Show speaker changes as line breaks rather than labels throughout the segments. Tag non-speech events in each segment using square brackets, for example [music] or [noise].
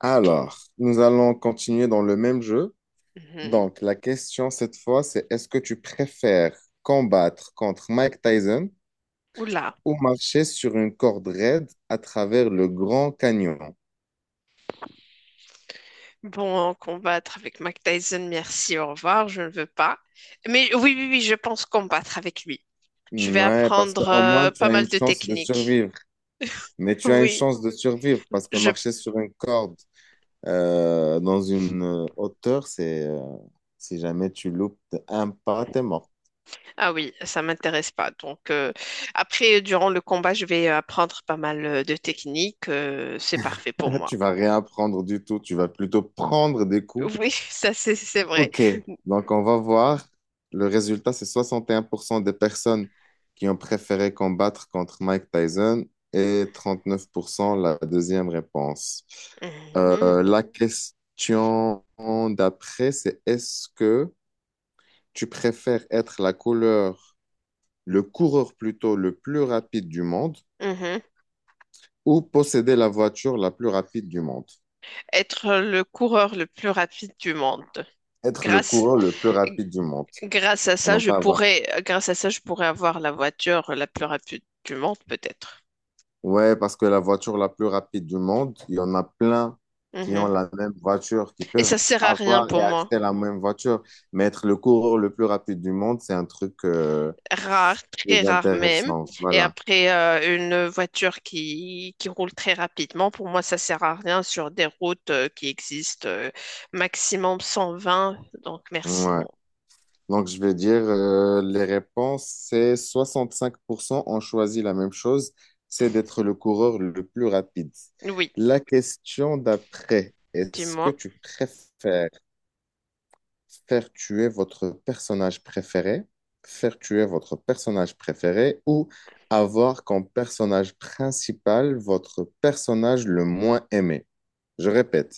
Alors, nous allons continuer dans le même jeu.
Mhm.
Donc, la question cette fois, c'est est-ce que tu préfères combattre contre Mike Tyson
Oula.
ou marcher sur une corde raide à travers le Grand Canyon?
Bon, combattre avec Mike Tyson, merci, au revoir, je ne veux pas. Mais oui, oui, oui, je pense combattre avec lui. Je vais
Ouais, parce
apprendre
qu'au moins, tu
pas
as une
mal de
chance de
techniques.
survivre. Mais tu as une
Oui,
chance de survivre parce que
je...
marcher sur une corde dans une hauteur, c'est si jamais tu loupes de un pas, t'es mort.
Ah oui, ça m'intéresse pas. Donc, après, durant le combat, je vais apprendre pas mal de techniques. C'est parfait pour
[laughs]
moi.
Tu vas rien prendre du tout. Tu vas plutôt prendre des coups.
Oui, [laughs] ça, c'est vrai.
OK, donc on va voir. Le résultat, c'est 61% des personnes qui ont préféré combattre contre Mike Tyson et 39% la deuxième réponse.
Mhm,
La question d'après, c'est est-ce que tu préfères être la couleur, le coureur plutôt le plus rapide du monde
mhm.
ou posséder la voiture la plus rapide du monde?
Être le coureur le plus rapide du monde.
Être le
Grâce...
coureur le plus rapide du monde
Grâce à
et
ça,
non
je
pas avoir.
pourrais, grâce à ça, je pourrais avoir la voiture la plus rapide du monde, peut-être.
Ouais, parce que la voiture la plus rapide du monde, il y en a plein qui ont
Mhm.
la même voiture, qui
Et
peuvent
ça sert à rien
avoir
pour
et
moi.
acheter la même voiture. Mais être le coureur le plus rapide du monde, c'est un truc
Rare, très
plus
rare même.
intéressant.
Et
Voilà.
après, une voiture qui roule très rapidement, pour moi, ça sert à rien sur des routes qui existent maximum 120. Donc, merci,
Ouais.
non.
Donc, je vais dire, les réponses, c'est 65% ont choisi la même chose, c'est d'être le coureur le plus rapide.
Oui,
La question d'après, est-ce que
dis-moi.
tu préfères faire tuer votre personnage préféré, faire tuer votre personnage préféré ou avoir comme personnage principal votre personnage le moins aimé. Je répète,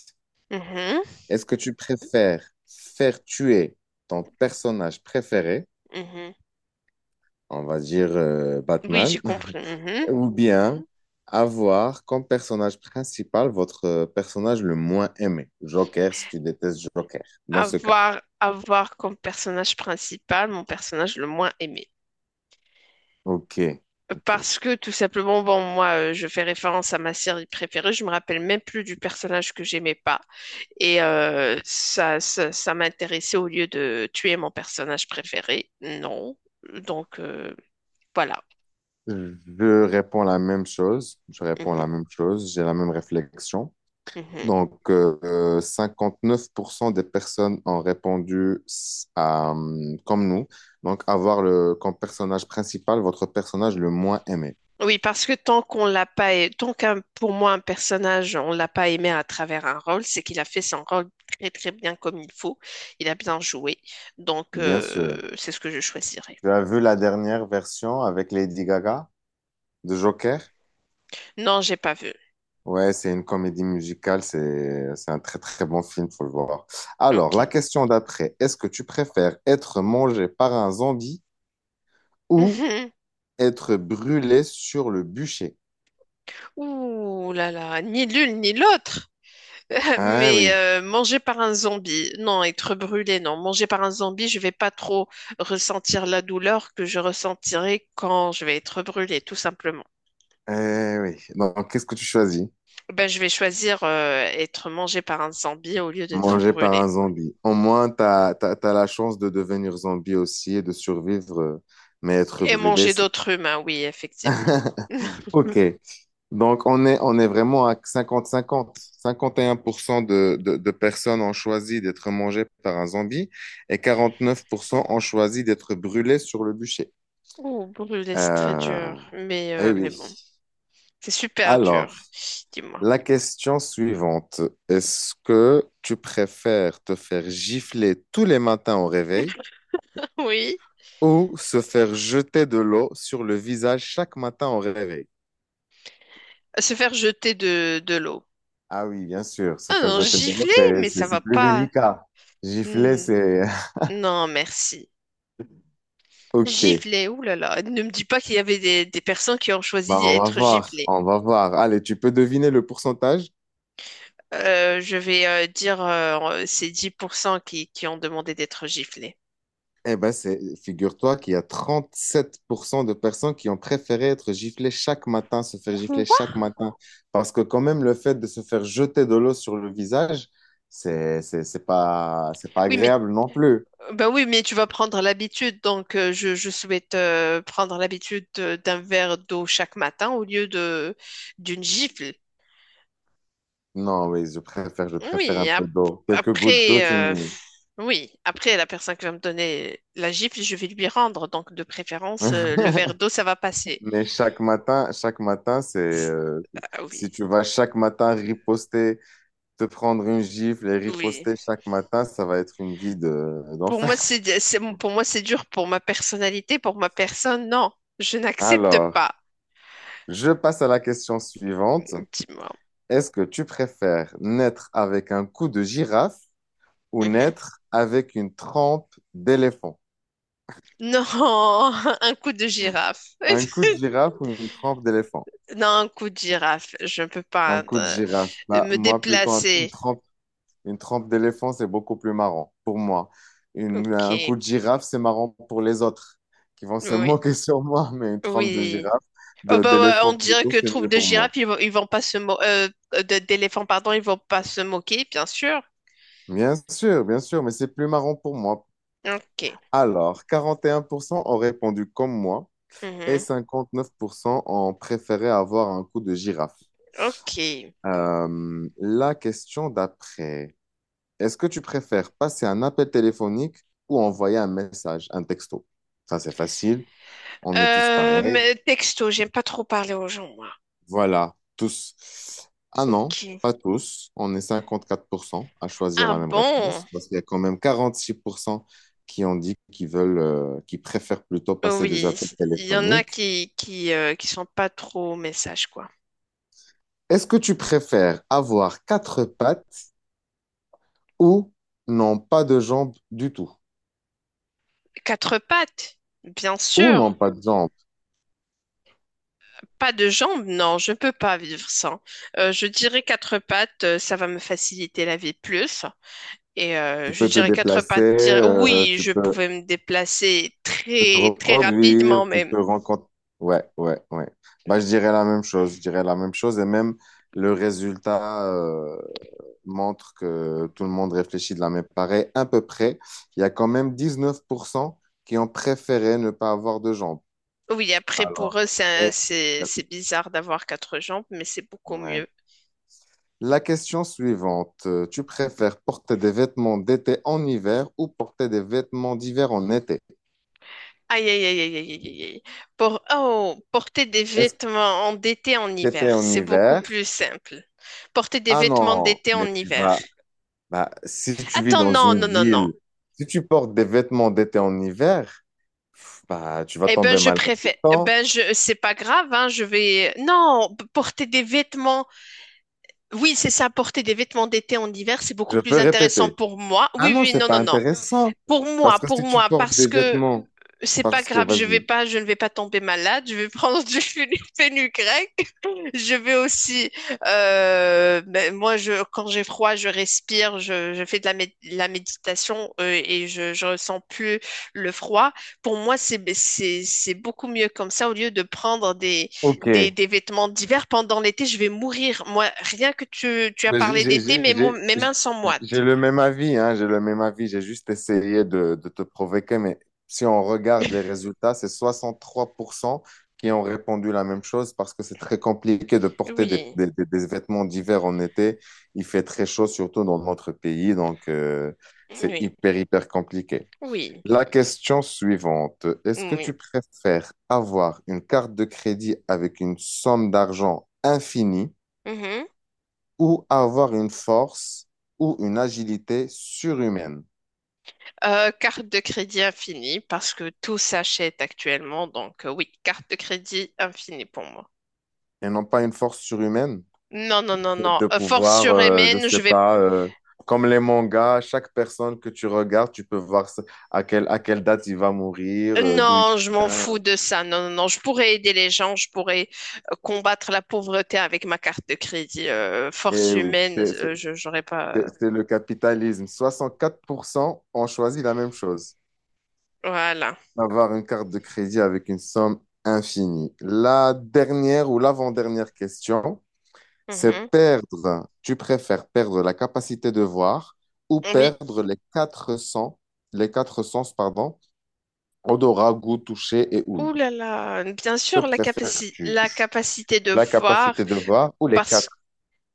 Mhm,
est-ce que tu préfères faire tuer ton personnage préféré,
mhm.
on va dire
Oui, j'ai
Batman,
compris.
[laughs]
Mhm.
ou bien avoir comme personnage principal votre personnage le moins aimé, Joker, si tu détestes Joker, dans ce cas.
Avoir comme personnage principal mon personnage le moins aimé.
Ok, ok.
Parce que tout simplement, bon, moi, je fais référence à ma série préférée, je me rappelle même plus du personnage que j'aimais pas. Et ça m'intéressait au lieu de tuer mon personnage préféré. Non. Donc, voilà.
Je réponds la même chose. Je réponds la
Mhm,
même chose. J'ai la même réflexion.
mhm.
Donc, 59% des personnes ont répondu à, comme nous. Donc, avoir le, comme personnage principal votre personnage le moins aimé.
Oui, parce que tant qu'on l'a pas, tant qu'un, pour moi, un personnage, on l'a pas aimé à travers un rôle, c'est qu'il a fait son rôle très, très bien comme il faut. Il a bien joué. Donc,
Bien sûr.
c'est ce que je choisirais.
Tu as vu la dernière version avec Lady Gaga de Joker?
Non, j'ai pas vu.
Ouais, c'est une comédie musicale. C'est un très, très bon film. Faut le voir. Alors, la
Ok.
question d'après. Est-ce que tu préfères être mangé par un zombie ou
[laughs]
être brûlé sur le bûcher.
Ouh là là, ni l'une ni l'autre. [laughs]
Ah
Mais
oui,
manger par un zombie, non, être brûlé, non. Manger par un zombie, je vais pas trop ressentir la douleur que je ressentirai quand je vais être brûlé, tout simplement.
eh oui. Donc, qu'est-ce que tu choisis?
Ben, je vais choisir être mangé par un zombie au lieu d'être
Manger par un
brûlé.
zombie. Au moins, tu as, la chance de devenir zombie aussi et de survivre, mais être
Et
brûlé,
manger
c'est...
d'autres humains, oui, effectivement.
[laughs]
[laughs]
Ok. Donc, on est vraiment à 50-50. 51% de personnes ont choisi d'être mangées par un zombie et 49% ont choisi d'être brûlées sur le bûcher.
Oh, brûlé, c'est très
Euh,
dur. Mais,
eh
euh, mais
oui.
bon, c'est super dur,
Alors,
dis-moi.
la question suivante, est-ce que tu préfères te faire gifler tous les matins au réveil
[laughs] Oui,
ou se faire jeter de l'eau sur le visage chaque matin au réveil?
se faire jeter de l'eau.
Ah oui, bien sûr, se
Ah
faire
non,
jeter de l'eau,
gifler,
c'est,
mais
c'est-
ça va
c'est plus
pas.
délicat. Gifler,
Hmm,
c'est... [laughs]
non, merci.
Ok,
Gifler, oulala. Ne me dis pas qu'il y avait des personnes qui ont choisi
bah, on va
d'être
voir,
giflées.
on va voir. Allez, tu peux deviner le pourcentage?
Je vais dire c'est 10% qui ont demandé d'être giflées.
Eh ben, c'est, figure-toi qu'il y a 37% de personnes qui ont préféré être giflées chaque matin, se faire gifler
Quoi?
chaque matin. Parce que quand même, le fait de se faire jeter de l'eau sur le visage, c'est pas
Oui, mais
agréable non plus.
bah oui, mais tu vas prendre l'habitude, donc je souhaite prendre l'habitude d'un verre d'eau chaque matin au lieu de d'une gifle.
Non, oui, je préfère
Oui,
un peu d'eau. Quelques gouttes d'eau,
après,
c'est mieux.
oui, après la personne qui va me donner la gifle, je vais lui rendre. Donc, de préférence, le verre
[laughs]
d'eau, ça va passer.
Mais chaque matin,
Ah oui,
si tu vas chaque matin riposter, te prendre une gifle et
oui.
riposter chaque matin, ça va être une vie
Pour
d'enfer.
moi, c'est, c'est- pour moi, c'est dur. Pour ma personnalité, pour ma personne, non, je n'accepte
Alors,
pas.
je passe à la question suivante.
Dis-moi.
Est-ce que tu préfères naître avec un cou de girafe ou
Mhm.
naître avec une trempe d'éléphant?
Non, [laughs] un coup de girafe.
Un cou de
[laughs]
girafe ou une trempe d'éléphant?
Non, un coup de girafe. Je ne peux
Un
pas
cou de girafe. Bah,
me
moi, plutôt
déplacer.
une trempe d'éléphant, c'est beaucoup plus marrant pour moi. Un
Ok.
cou de girafe, c'est marrant pour les autres qui vont se [laughs]
Oui.
moquer sur moi, mais une trempe de
Oui.
girafe,
Oh bah ouais, on
d'éléphant
dirait
plutôt,
que
c'est
troupe
mieux
de
pour moi.
girafes, ils vont pas se d'éléphants, pardon, ils vont pas se moquer, bien sûr.
Bien sûr, mais c'est plus marrant pour moi.
Ok.
Alors, 41% ont répondu comme moi et
Mhm.
59% ont préféré avoir un coup de girafe.
Ok.
La question d'après, est-ce que tu préfères passer un appel téléphonique ou envoyer un message, un texto? Ça, c'est facile. On est tous
Euh,
pareils.
mais texto, j'aime pas trop parler aux gens, moi.
Voilà, tous. Ah
Ok.
non, pas tous. On est 54% à choisir
Ah
la même
bon?
réponse parce qu'il y a quand même 46% qui ont dit qu'ils veulent, qu'ils préfèrent plutôt
Oh
passer des
oui,
appels
il y en a
téléphoniques.
qui sont pas trop messages quoi.
Est-ce que tu préfères avoir quatre pattes ou non pas de jambes du tout?
Quatre pattes, bien
Ou non
sûr.
pas de jambes.
Pas de jambes, non, je peux pas vivre sans. Je dirais quatre pattes, ça va me faciliter la vie plus. Et
Tu
je
peux te
dirais quatre
déplacer,
pattes. Oui, je pouvais me déplacer
tu peux te
très, très
reproduire,
rapidement
tu
même.
peux rencontrer. Ouais, ouais, ouais. Bah, je dirais la même chose. Je dirais la même chose et même le résultat montre que tout le monde réfléchit de la même pareille à peu près. Il y a quand même 19% qui ont préféré ne pas avoir de jambes.
Oui, après,
Alors,
pour eux, c'est un-
et...
c'est bizarre d'avoir quatre jambes, mais c'est beaucoup mieux.
ouais. La question suivante, tu préfères porter des vêtements d'été en hiver ou porter des vêtements d'hiver en été?
Aïe, aïe, aïe, aïe, aïe, aïe, aïe. Porter des
Est-ce que
vêtements en d'été en
t'étais
hiver,
en
c'est beaucoup
hiver?
plus simple. Porter des
Ah
vêtements
non,
d'été
mais
en
tu
hiver.
vas, bah, si tu vis
Attends,
dans
non,
une
non, non, non.
ville, si tu portes des vêtements d'été en hiver, bah, tu vas
Eh ben,
tomber
je
malade tout
préfère.
le
Eh
temps.
ben, c'est pas grave, hein, je vais. Non, porter des vêtements. Oui, c'est ça, porter des vêtements d'été en hiver, c'est beaucoup
Je peux
plus intéressant
répéter.
pour moi.
Ah
Oui,
non,
oui,
c'est
non, non,
pas
non.
intéressant.
Pour moi,
Parce que
pour
si tu
moi,
portes
parce
des
que
vêtements,
c'est pas
parce que,
grave,
vas-y.
je ne vais pas tomber malade, je vais prendre du [laughs] fenugrec. Je vais aussi, ben, moi, quand j'ai froid, je respire, je fais de la méditation et je ressens plus le froid. Pour moi, c'est beaucoup mieux comme ça au lieu de prendre des,
Ok.
des, des vêtements d'hiver pendant l'été, je vais mourir. Moi, rien que tu as
Mais J'ai
parlé
j'ai-
d'été,
j'ai-
mes, mo-
j'ai-
mes mains sont
j'ai
moites.
le même avis, hein, j'ai le même avis. J'ai juste essayé de te provoquer, mais si on regarde les résultats, c'est 63% qui ont répondu la même chose parce que c'est très compliqué de porter des,
Oui,
des- des- des vêtements d'hiver en été. Il fait très chaud, surtout dans notre pays, donc c'est
oui,
hyper, hyper compliqué.
oui,
La question suivante, est-ce que tu
oui.
préfères avoir une carte de crédit avec une somme d'argent infinie?
Mhm.
Ou avoir une force ou une agilité surhumaine.
Carte de crédit infinie parce que tout s'achète actuellement. Donc, oui, carte de crédit infinie pour moi.
Et non pas une force surhumaine,
Non, non, non,
c'est
non.
de
Force
pouvoir, je
surhumaine,
sais
je vais...
pas, comme les mangas, chaque personne que tu regardes, tu peux voir à quelle date il va mourir,
euh,
d'où il
Non, je m'en
vient.
fous de ça. Non, non, non. Je pourrais aider les gens, je pourrais combattre la pauvreté avec ma carte de crédit. Force
Et oui,
humaine, je j'aurais pas... euh,
c'est le capitalisme. 64% ont choisi la même chose.
Voilà.
Avoir une carte de crédit avec une somme infinie. La dernière ou l'avant-dernière question.
Mhm.
C'est perdre, tu préfères perdre la capacité de voir ou
Oui.
perdre les quatre sens, pardon, odorat, goût, toucher et ouïe.
Ouh là là. Bien
Que
sûr, la capaci-
préfères-tu?
la capacité de
La
voir,
capacité de voir ou les
parce
quatre?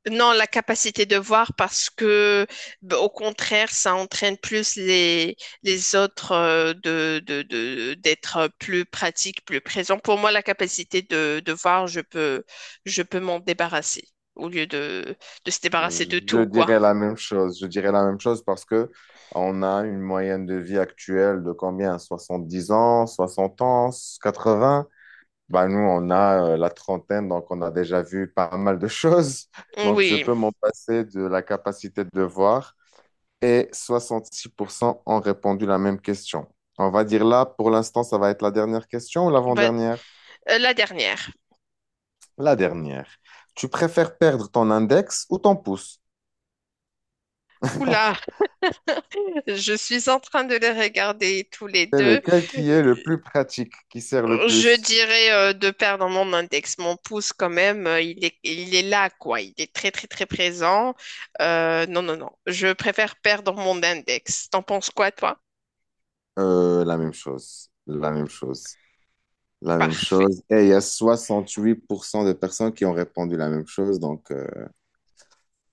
non, la capacité de voir parce que, au contraire, ça entraîne plus les autres d'être plus pratique, plus présent. Pour moi, la capacité de voir, je peux m'en débarrasser au lieu de se débarrasser de tout,
Je
quoi.
dirais la même chose. Je dirais la même chose parce que on a une moyenne de vie actuelle de combien? 70 ans, 60 ans, 80. Ben nous, on a la trentaine, donc on a déjà vu pas mal de [laughs] choses. Donc, je
Oui,
peux m'en passer de la capacité de voir et 66% ont répondu la même question. On va dire là, pour l'instant, ça va être la dernière question ou
bah,
l'avant-dernière?
la dernière.
La dernière. Tu préfères perdre ton index ou ton pouce?
Oula, [laughs] je suis en train de les regarder tous
[laughs]
les
C'est
deux.
lequel qui est le plus pratique, qui sert le
Je
plus?
dirais de perdre mon index. Mon pouce, quand même, il est là, quoi. Il est très, très, très présent. Non, non, non. Je préfère perdre mon index. T'en penses quoi, toi?
La même chose, la même chose, la même
Parfait.
chose. Et il y a 68% de personnes qui ont répondu la même chose. Donc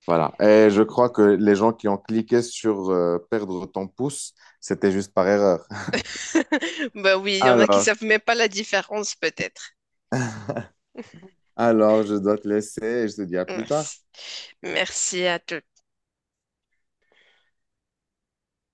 voilà. Et je crois que les gens qui ont cliqué sur perdre ton pouce, c'était juste par erreur.
[laughs] Bah oui,
[laughs]
il y en a qui
Alors,
savent même pas la différence, peut-être.
Alors, je dois te laisser et je te dis à plus tard.
Merci. Merci à toi.